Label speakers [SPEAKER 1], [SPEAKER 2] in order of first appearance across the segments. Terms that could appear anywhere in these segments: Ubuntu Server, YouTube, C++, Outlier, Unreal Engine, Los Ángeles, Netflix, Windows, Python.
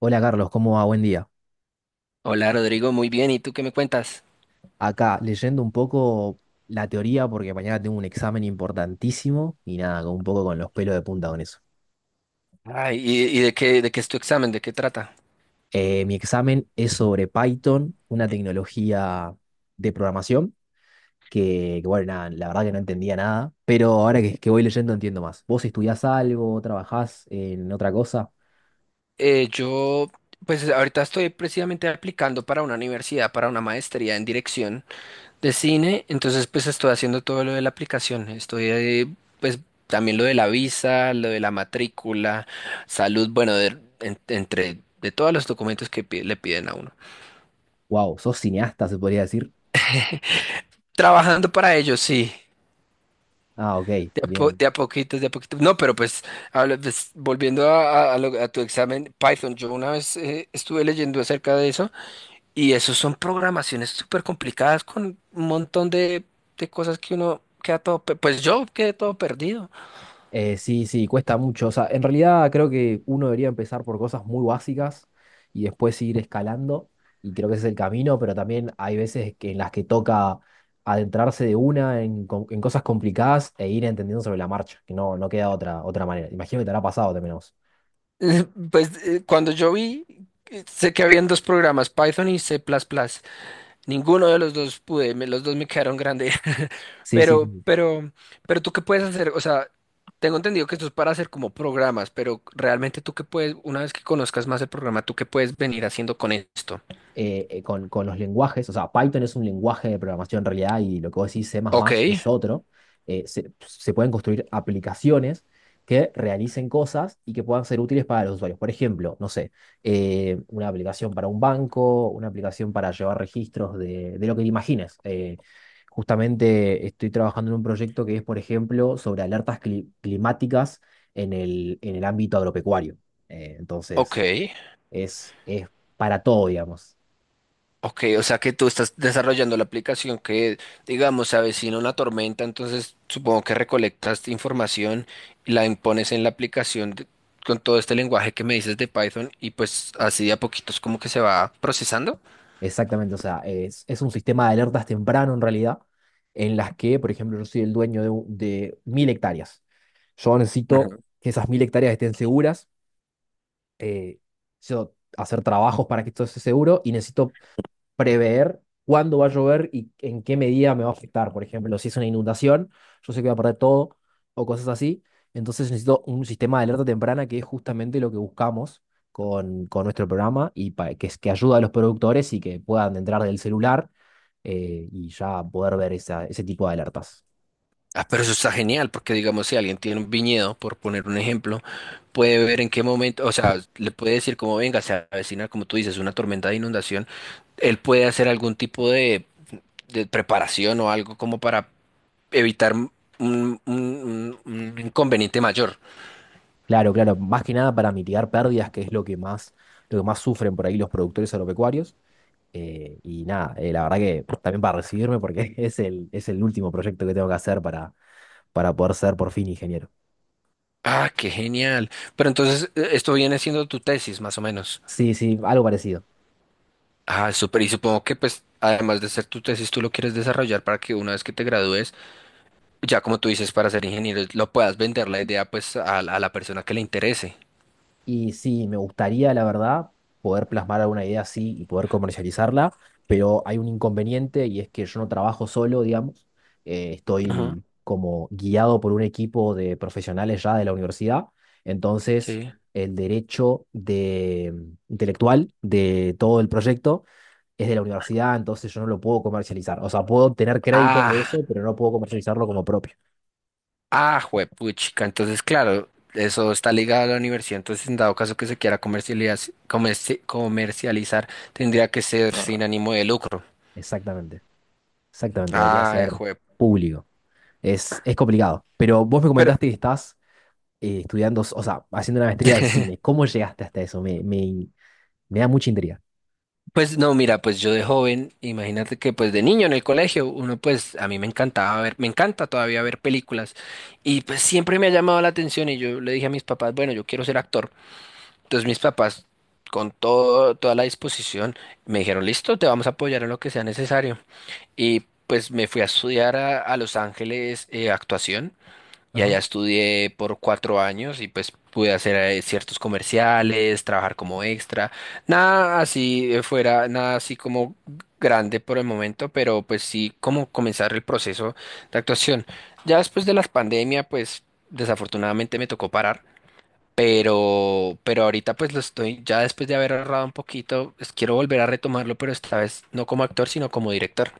[SPEAKER 1] Hola Carlos, ¿cómo va? Buen día.
[SPEAKER 2] Hola Rodrigo, muy bien. ¿Y tú qué me cuentas?
[SPEAKER 1] Acá leyendo un poco la teoría porque mañana tengo un examen importantísimo y nada, un poco con los pelos de punta con eso.
[SPEAKER 2] Ay, ¿y de qué es tu examen? ¿De qué trata?
[SPEAKER 1] Mi examen es sobre Python, una tecnología de programación que, bueno, nada, la verdad que no entendía nada, pero ahora que voy leyendo entiendo más. ¿Vos estudiás algo, trabajás en otra cosa?
[SPEAKER 2] Eh, yo, pues ahorita estoy precisamente aplicando para una universidad, para una maestría en dirección de cine. Entonces, pues estoy haciendo todo lo de la aplicación. Estoy, pues también lo de la visa, lo de la matrícula, salud, bueno, de, entre de todos los documentos que le piden a uno.
[SPEAKER 1] Wow, ¿sos cineasta, se podría decir?
[SPEAKER 2] Trabajando para ello, sí.
[SPEAKER 1] Ah, ok,
[SPEAKER 2] De a,
[SPEAKER 1] bien.
[SPEAKER 2] de a poquitos, de a poquitos. No, pero pues, pues, volviendo a, a tu examen Python, yo una vez estuve leyendo acerca de eso y eso son programaciones súper complicadas con un montón de cosas que uno queda todo, pues yo quedé todo perdido.
[SPEAKER 1] Sí, sí, cuesta mucho. O sea, en realidad creo que uno debería empezar por cosas muy básicas y después ir escalando. Y creo que ese es el camino, pero también hay veces en las que toca adentrarse de una en cosas complicadas e ir entendiendo sobre la marcha, que no, no queda otra manera. Imagino que te habrá pasado también a vos.
[SPEAKER 2] Pues cuando yo vi, sé que habían dos programas, Python y C++. Ninguno de los dos pude, los dos me quedaron grandes.
[SPEAKER 1] Sí, sí,
[SPEAKER 2] Pero,
[SPEAKER 1] sí.
[SPEAKER 2] pero, pero tú qué puedes hacer, o sea, tengo entendido que esto es para hacer como programas, pero realmente tú qué puedes, una vez que conozcas más el programa, tú qué puedes venir haciendo con esto.
[SPEAKER 1] Con los lenguajes, o sea, Python es un lenguaje de programación en realidad y lo que vos decís C++ más
[SPEAKER 2] Ok,
[SPEAKER 1] más es otro, se pueden construir aplicaciones que realicen cosas y que puedan ser útiles para los usuarios. Por ejemplo, no sé, una aplicación para un banco, una aplicación para llevar registros de lo que te imagines. Justamente estoy trabajando en un proyecto que es, por ejemplo, sobre alertas climáticas en el ámbito agropecuario. Eh,
[SPEAKER 2] ok,
[SPEAKER 1] entonces, es, es para todo, digamos.
[SPEAKER 2] ok, o sea que tú estás desarrollando la aplicación que, digamos, se avecina una tormenta, entonces supongo que recolectas información, la impones en la aplicación con todo este lenguaje que me dices de Python y pues así de a poquitos como que se va procesando.
[SPEAKER 1] Exactamente, o sea, es un sistema de alertas temprano en realidad, en las que, por ejemplo, yo soy el dueño de 1.000 hectáreas. Yo necesito que esas 1.000 hectáreas estén seguras, eh, necesito hacer trabajos para que esto esté seguro y necesito prever cuándo va a llover y en qué medida me va a afectar. Por ejemplo, si es una inundación, yo sé que voy a perder todo o cosas así. Entonces necesito un sistema de alerta temprana que es justamente lo que buscamos con nuestro programa y que ayuda a los productores y que puedan entrar del celular y ya poder ver ese tipo de alertas.
[SPEAKER 2] Ah, pero eso está genial, porque digamos, si alguien tiene un viñedo, por poner un ejemplo, puede ver en qué momento, o sea, le puede decir como venga, se avecina, como tú dices, una tormenta de inundación, él puede hacer algún tipo de preparación o algo como para evitar un, un inconveniente mayor.
[SPEAKER 1] Claro, claro, más que nada para mitigar pérdidas, que es lo que más sufren por ahí los productores agropecuarios. Y nada, la verdad que también para recibirme, porque es el último proyecto que tengo que hacer para poder ser por fin ingeniero.
[SPEAKER 2] Ah, qué genial. Pero entonces, esto viene siendo tu tesis, más o menos.
[SPEAKER 1] Sí, sí, algo parecido.
[SPEAKER 2] Ah, súper. Y supongo que, pues, además de ser tu tesis, tú lo quieres desarrollar para que una vez que te gradúes, ya como tú dices, para ser ingeniero, lo puedas vender la idea pues a la persona que le interese.
[SPEAKER 1] Y sí, me gustaría, la verdad, poder plasmar alguna idea así y poder comercializarla, pero hay un inconveniente y es que yo no trabajo solo, digamos. Estoy
[SPEAKER 2] Ajá,
[SPEAKER 1] como guiado por un equipo de profesionales ya de la universidad. Entonces,
[SPEAKER 2] sí.
[SPEAKER 1] el derecho intelectual de todo el proyecto es de la universidad, entonces yo no lo puedo comercializar. O sea, puedo tener créditos de
[SPEAKER 2] Ah,
[SPEAKER 1] eso, pero no puedo comercializarlo como propio.
[SPEAKER 2] ah, juepuchica. Entonces, claro, eso está ligado a la universidad. Entonces, en dado caso que se quiera comercializar, tendría que ser sin ánimo de lucro.
[SPEAKER 1] Exactamente, exactamente, debería
[SPEAKER 2] Ah,
[SPEAKER 1] ser
[SPEAKER 2] jue.
[SPEAKER 1] público. Es complicado. Pero vos me
[SPEAKER 2] Pero,
[SPEAKER 1] comentaste que estás estudiando, o sea, haciendo una maestría de cine. ¿Cómo llegaste hasta eso? Me da mucha intriga.
[SPEAKER 2] pues no, mira, pues yo de joven, imagínate que pues de niño en el colegio, uno pues a mí me encantaba ver, me encanta todavía ver películas y pues siempre me ha llamado la atención y yo le dije a mis papás, bueno, yo quiero ser actor. Entonces mis papás con todo, toda la disposición me dijeron, listo, te vamos a apoyar en lo que sea necesario. Y pues me fui a estudiar a Los Ángeles actuación. Y
[SPEAKER 1] Ajá.
[SPEAKER 2] allá estudié por 4 años y pues pude hacer ciertos comerciales, trabajar como extra. Nada así fuera, nada así como grande por el momento, pero pues sí como comenzar el proceso de actuación. Ya después de la pandemia, pues desafortunadamente me tocó parar, pero ahorita pues lo estoy, ya después de haber ahorrado un poquito, pues, quiero volver a retomarlo, pero esta vez no como actor, sino como director.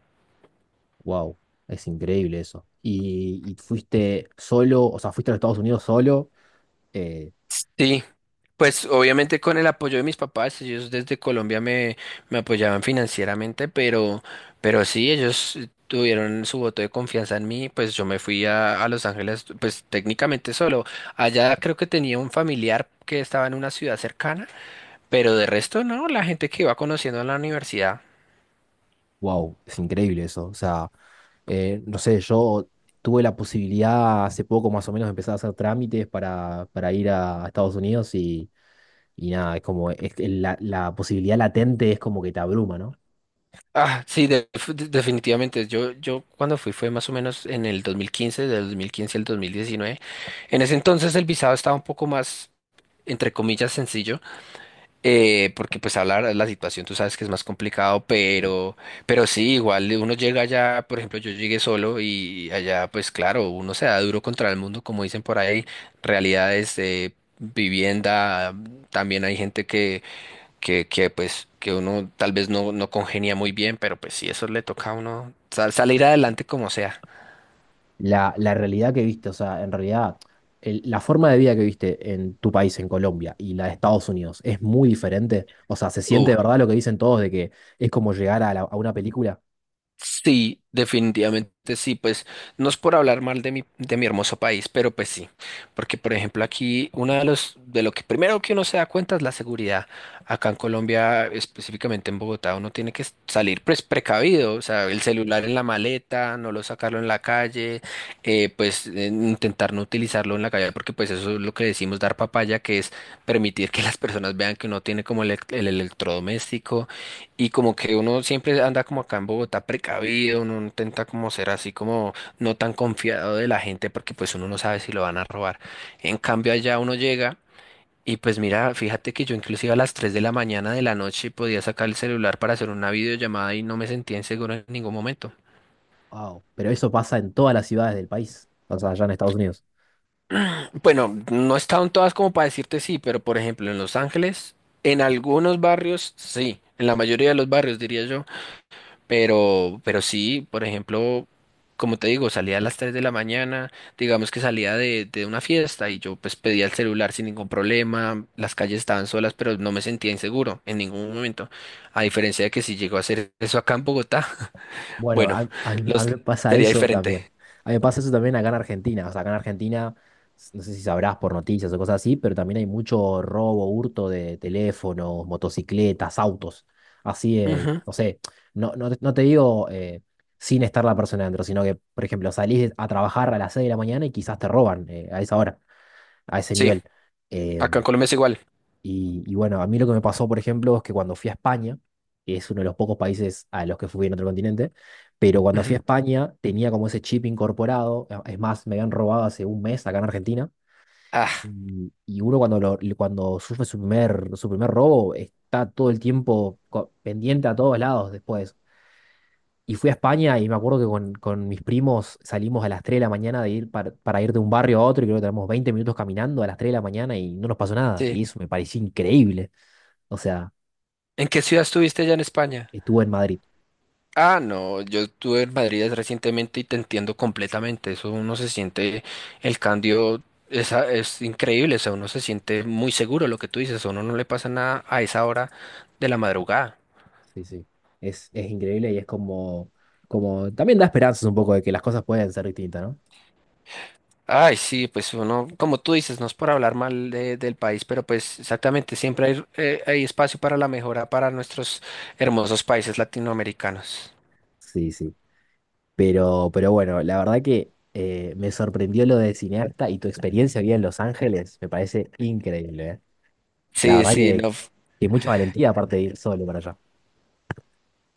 [SPEAKER 1] Wow, es increíble eso. ¿Y fuiste solo, o sea, fuiste a los Estados Unidos solo? Eh,
[SPEAKER 2] Sí, pues obviamente con el apoyo de mis papás, ellos desde Colombia me, me apoyaban financieramente, pero sí, ellos tuvieron su voto de confianza en mí, pues yo me fui a Los Ángeles, pues técnicamente solo. Allá creo que tenía un familiar que estaba en una ciudad cercana, pero de resto no, la gente que iba conociendo en la universidad.
[SPEAKER 1] Wow, es increíble eso. O sea, no sé, yo tuve la posibilidad hace poco más o menos de empezar a hacer trámites para ir a Estados Unidos y nada, es como es que la posibilidad latente es como que te abruma, ¿no?
[SPEAKER 2] Ah, sí, definitivamente. Yo cuando fui fue más o menos en el 2015, del 2015 al 2019. En ese entonces el visado estaba un poco más entre comillas, sencillo, porque pues hablar de la situación, tú sabes que es más complicado,
[SPEAKER 1] Sí.
[SPEAKER 2] pero sí, igual uno llega allá, por ejemplo, yo llegué solo y allá, pues claro, uno se da duro contra el mundo, como dicen por ahí, realidades de vivienda, también hay gente que, que pues, que uno tal vez no, no congenia muy bien, pero pues sí, eso le toca a uno salir adelante como sea.
[SPEAKER 1] La realidad que viste, o sea, en realidad, la forma de vida que viste en tu país, en Colombia, y la de Estados Unidos es muy diferente. O sea, se
[SPEAKER 2] Uh.
[SPEAKER 1] siente de verdad lo que dicen todos de que es como llegar a una película.
[SPEAKER 2] Sí, definitivamente sí, pues no es por hablar mal de mi hermoso país, pero pues sí, porque por ejemplo aquí una de los, de lo que primero que uno se da cuenta es la seguridad. Acá en Colombia, específicamente en Bogotá, uno tiene que salir pues precavido, o sea, el celular en la maleta, no lo sacarlo en la calle, intentar no utilizarlo en la calle, porque pues eso es lo que decimos dar papaya, que es permitir que las personas vean que uno tiene como el, el electrodoméstico y como que uno siempre anda como acá en Bogotá precavido, uno intenta como ser así como no tan confiado de la gente porque pues uno no sabe si lo van a robar. En cambio allá uno llega y pues mira, fíjate que yo inclusive a las 3 de la mañana de la noche podía sacar el celular para hacer una videollamada y no me sentía inseguro en ningún momento.
[SPEAKER 1] Wow, pero eso pasa en todas las ciudades del país, o sea, allá en Estados Unidos.
[SPEAKER 2] Bueno, no estaban todas como para decirte sí, pero por ejemplo en Los Ángeles, en algunos barrios sí, en la mayoría de los barrios diría yo. Pero sí, por ejemplo, como te digo, salía a las 3 de la mañana, digamos que salía de una fiesta y yo pues pedía el celular sin ningún problema, las calles estaban solas, pero no me sentía inseguro en ningún momento. A diferencia de que si llego a hacer eso acá en Bogotá,
[SPEAKER 1] Bueno,
[SPEAKER 2] bueno,
[SPEAKER 1] a, a mí a
[SPEAKER 2] los
[SPEAKER 1] mí me pasa
[SPEAKER 2] sería
[SPEAKER 1] eso también.
[SPEAKER 2] diferente.
[SPEAKER 1] A mí me pasa eso también acá en Argentina. O sea, acá en Argentina, no sé si sabrás por noticias o cosas así, pero también hay mucho robo, hurto de teléfonos, motocicletas, autos. Así,
[SPEAKER 2] Ujú.
[SPEAKER 1] no sé, no te digo sin estar la persona dentro, sino que, por ejemplo, salís a trabajar a las 6 de la mañana y quizás te roban a esa hora, a ese
[SPEAKER 2] Sí,
[SPEAKER 1] nivel. Eh,
[SPEAKER 2] acá en Colombia es igual.
[SPEAKER 1] y bueno, a mí lo que me pasó, por ejemplo, es que cuando fui a España, que es uno de los pocos países a los que fui en otro continente, pero cuando fui
[SPEAKER 2] Ujú.
[SPEAKER 1] a España tenía como ese chip incorporado, es más, me habían robado hace un mes acá en Argentina,
[SPEAKER 2] Ah,
[SPEAKER 1] y uno cuando sufre su primer robo está todo el tiempo pendiente a todos lados después. Y fui a España y me acuerdo que con mis primos salimos a las 3 de la mañana de ir para ir de un barrio a otro y creo que tenemos 20 minutos caminando a las 3 de la mañana y no nos pasó nada.
[SPEAKER 2] sí.
[SPEAKER 1] Y eso me pareció increíble. O sea,
[SPEAKER 2] ¿En qué ciudad estuviste ya en España?
[SPEAKER 1] estuvo en Madrid.
[SPEAKER 2] Ah, no, yo estuve en Madrid recientemente y te entiendo completamente. Eso uno se siente, el cambio es increíble. O sea, uno se siente muy seguro lo que tú dices. A uno no le pasa nada a esa hora de la madrugada.
[SPEAKER 1] Sí, sí. Es increíble y es como, también da esperanzas un poco de que las cosas pueden ser distintas, ¿no?
[SPEAKER 2] Ay, sí, pues uno, como tú dices, no es por hablar mal del país, pero pues exactamente, siempre hay, hay espacio para la mejora para nuestros hermosos países latinoamericanos.
[SPEAKER 1] Sí, sí. Pero bueno, la verdad que me sorprendió lo de cineasta y tu experiencia aquí en Los Ángeles me parece increíble, ¿eh? La
[SPEAKER 2] Sí,
[SPEAKER 1] verdad
[SPEAKER 2] sí,
[SPEAKER 1] que,
[SPEAKER 2] no.
[SPEAKER 1] que mucha valentía aparte de ir solo para allá.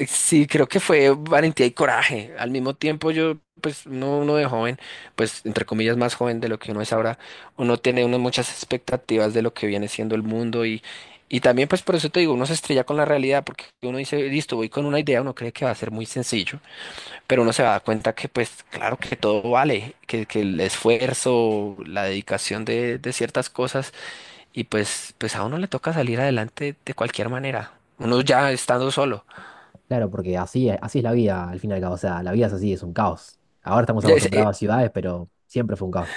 [SPEAKER 2] Sí, creo que fue valentía y coraje. Al mismo tiempo, yo, pues, no, uno de joven, pues, entre comillas, más joven de lo que uno es ahora, uno tiene unas muchas expectativas de lo que viene siendo el mundo y también, pues, por eso te digo, uno se estrella con la realidad porque uno dice, listo, voy con una idea, uno cree que va a ser muy sencillo, pero uno se va a dar cuenta que, pues, claro que todo vale, que el esfuerzo, la dedicación de ciertas cosas y, pues, a uno le toca salir adelante de cualquier manera, uno ya estando solo.
[SPEAKER 1] Claro, porque así es la vida al fin y al cabo. O sea, la vida es así, es un caos. Ahora estamos acostumbrados a ciudades, pero siempre fue un caos.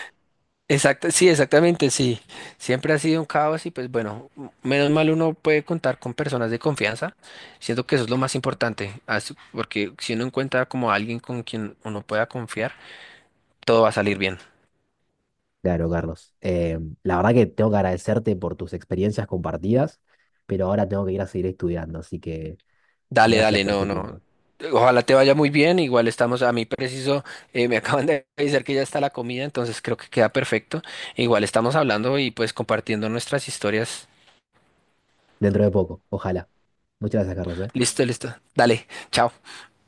[SPEAKER 2] Exacto, sí, exactamente, sí. Siempre ha sido un caos y pues bueno, menos mal uno puede contar con personas de confianza. Siento que eso es lo más importante, porque si uno encuentra como alguien con quien uno pueda confiar, todo va a salir bien.
[SPEAKER 1] Claro, Carlos. La verdad que tengo que agradecerte por tus experiencias compartidas, pero ahora tengo que ir a seguir estudiando, así que
[SPEAKER 2] Dale,
[SPEAKER 1] gracias
[SPEAKER 2] dale,
[SPEAKER 1] por
[SPEAKER 2] no,
[SPEAKER 1] este
[SPEAKER 2] no.
[SPEAKER 1] tiempo.
[SPEAKER 2] Ojalá te vaya muy bien. Igual estamos a mí preciso, me acaban de avisar que ya está la comida, entonces creo que queda perfecto. Igual estamos hablando y pues compartiendo nuestras historias.
[SPEAKER 1] Dentro de poco, ojalá. Muchas gracias, Carlos, ¿eh?
[SPEAKER 2] Listo, listo. Dale, chao.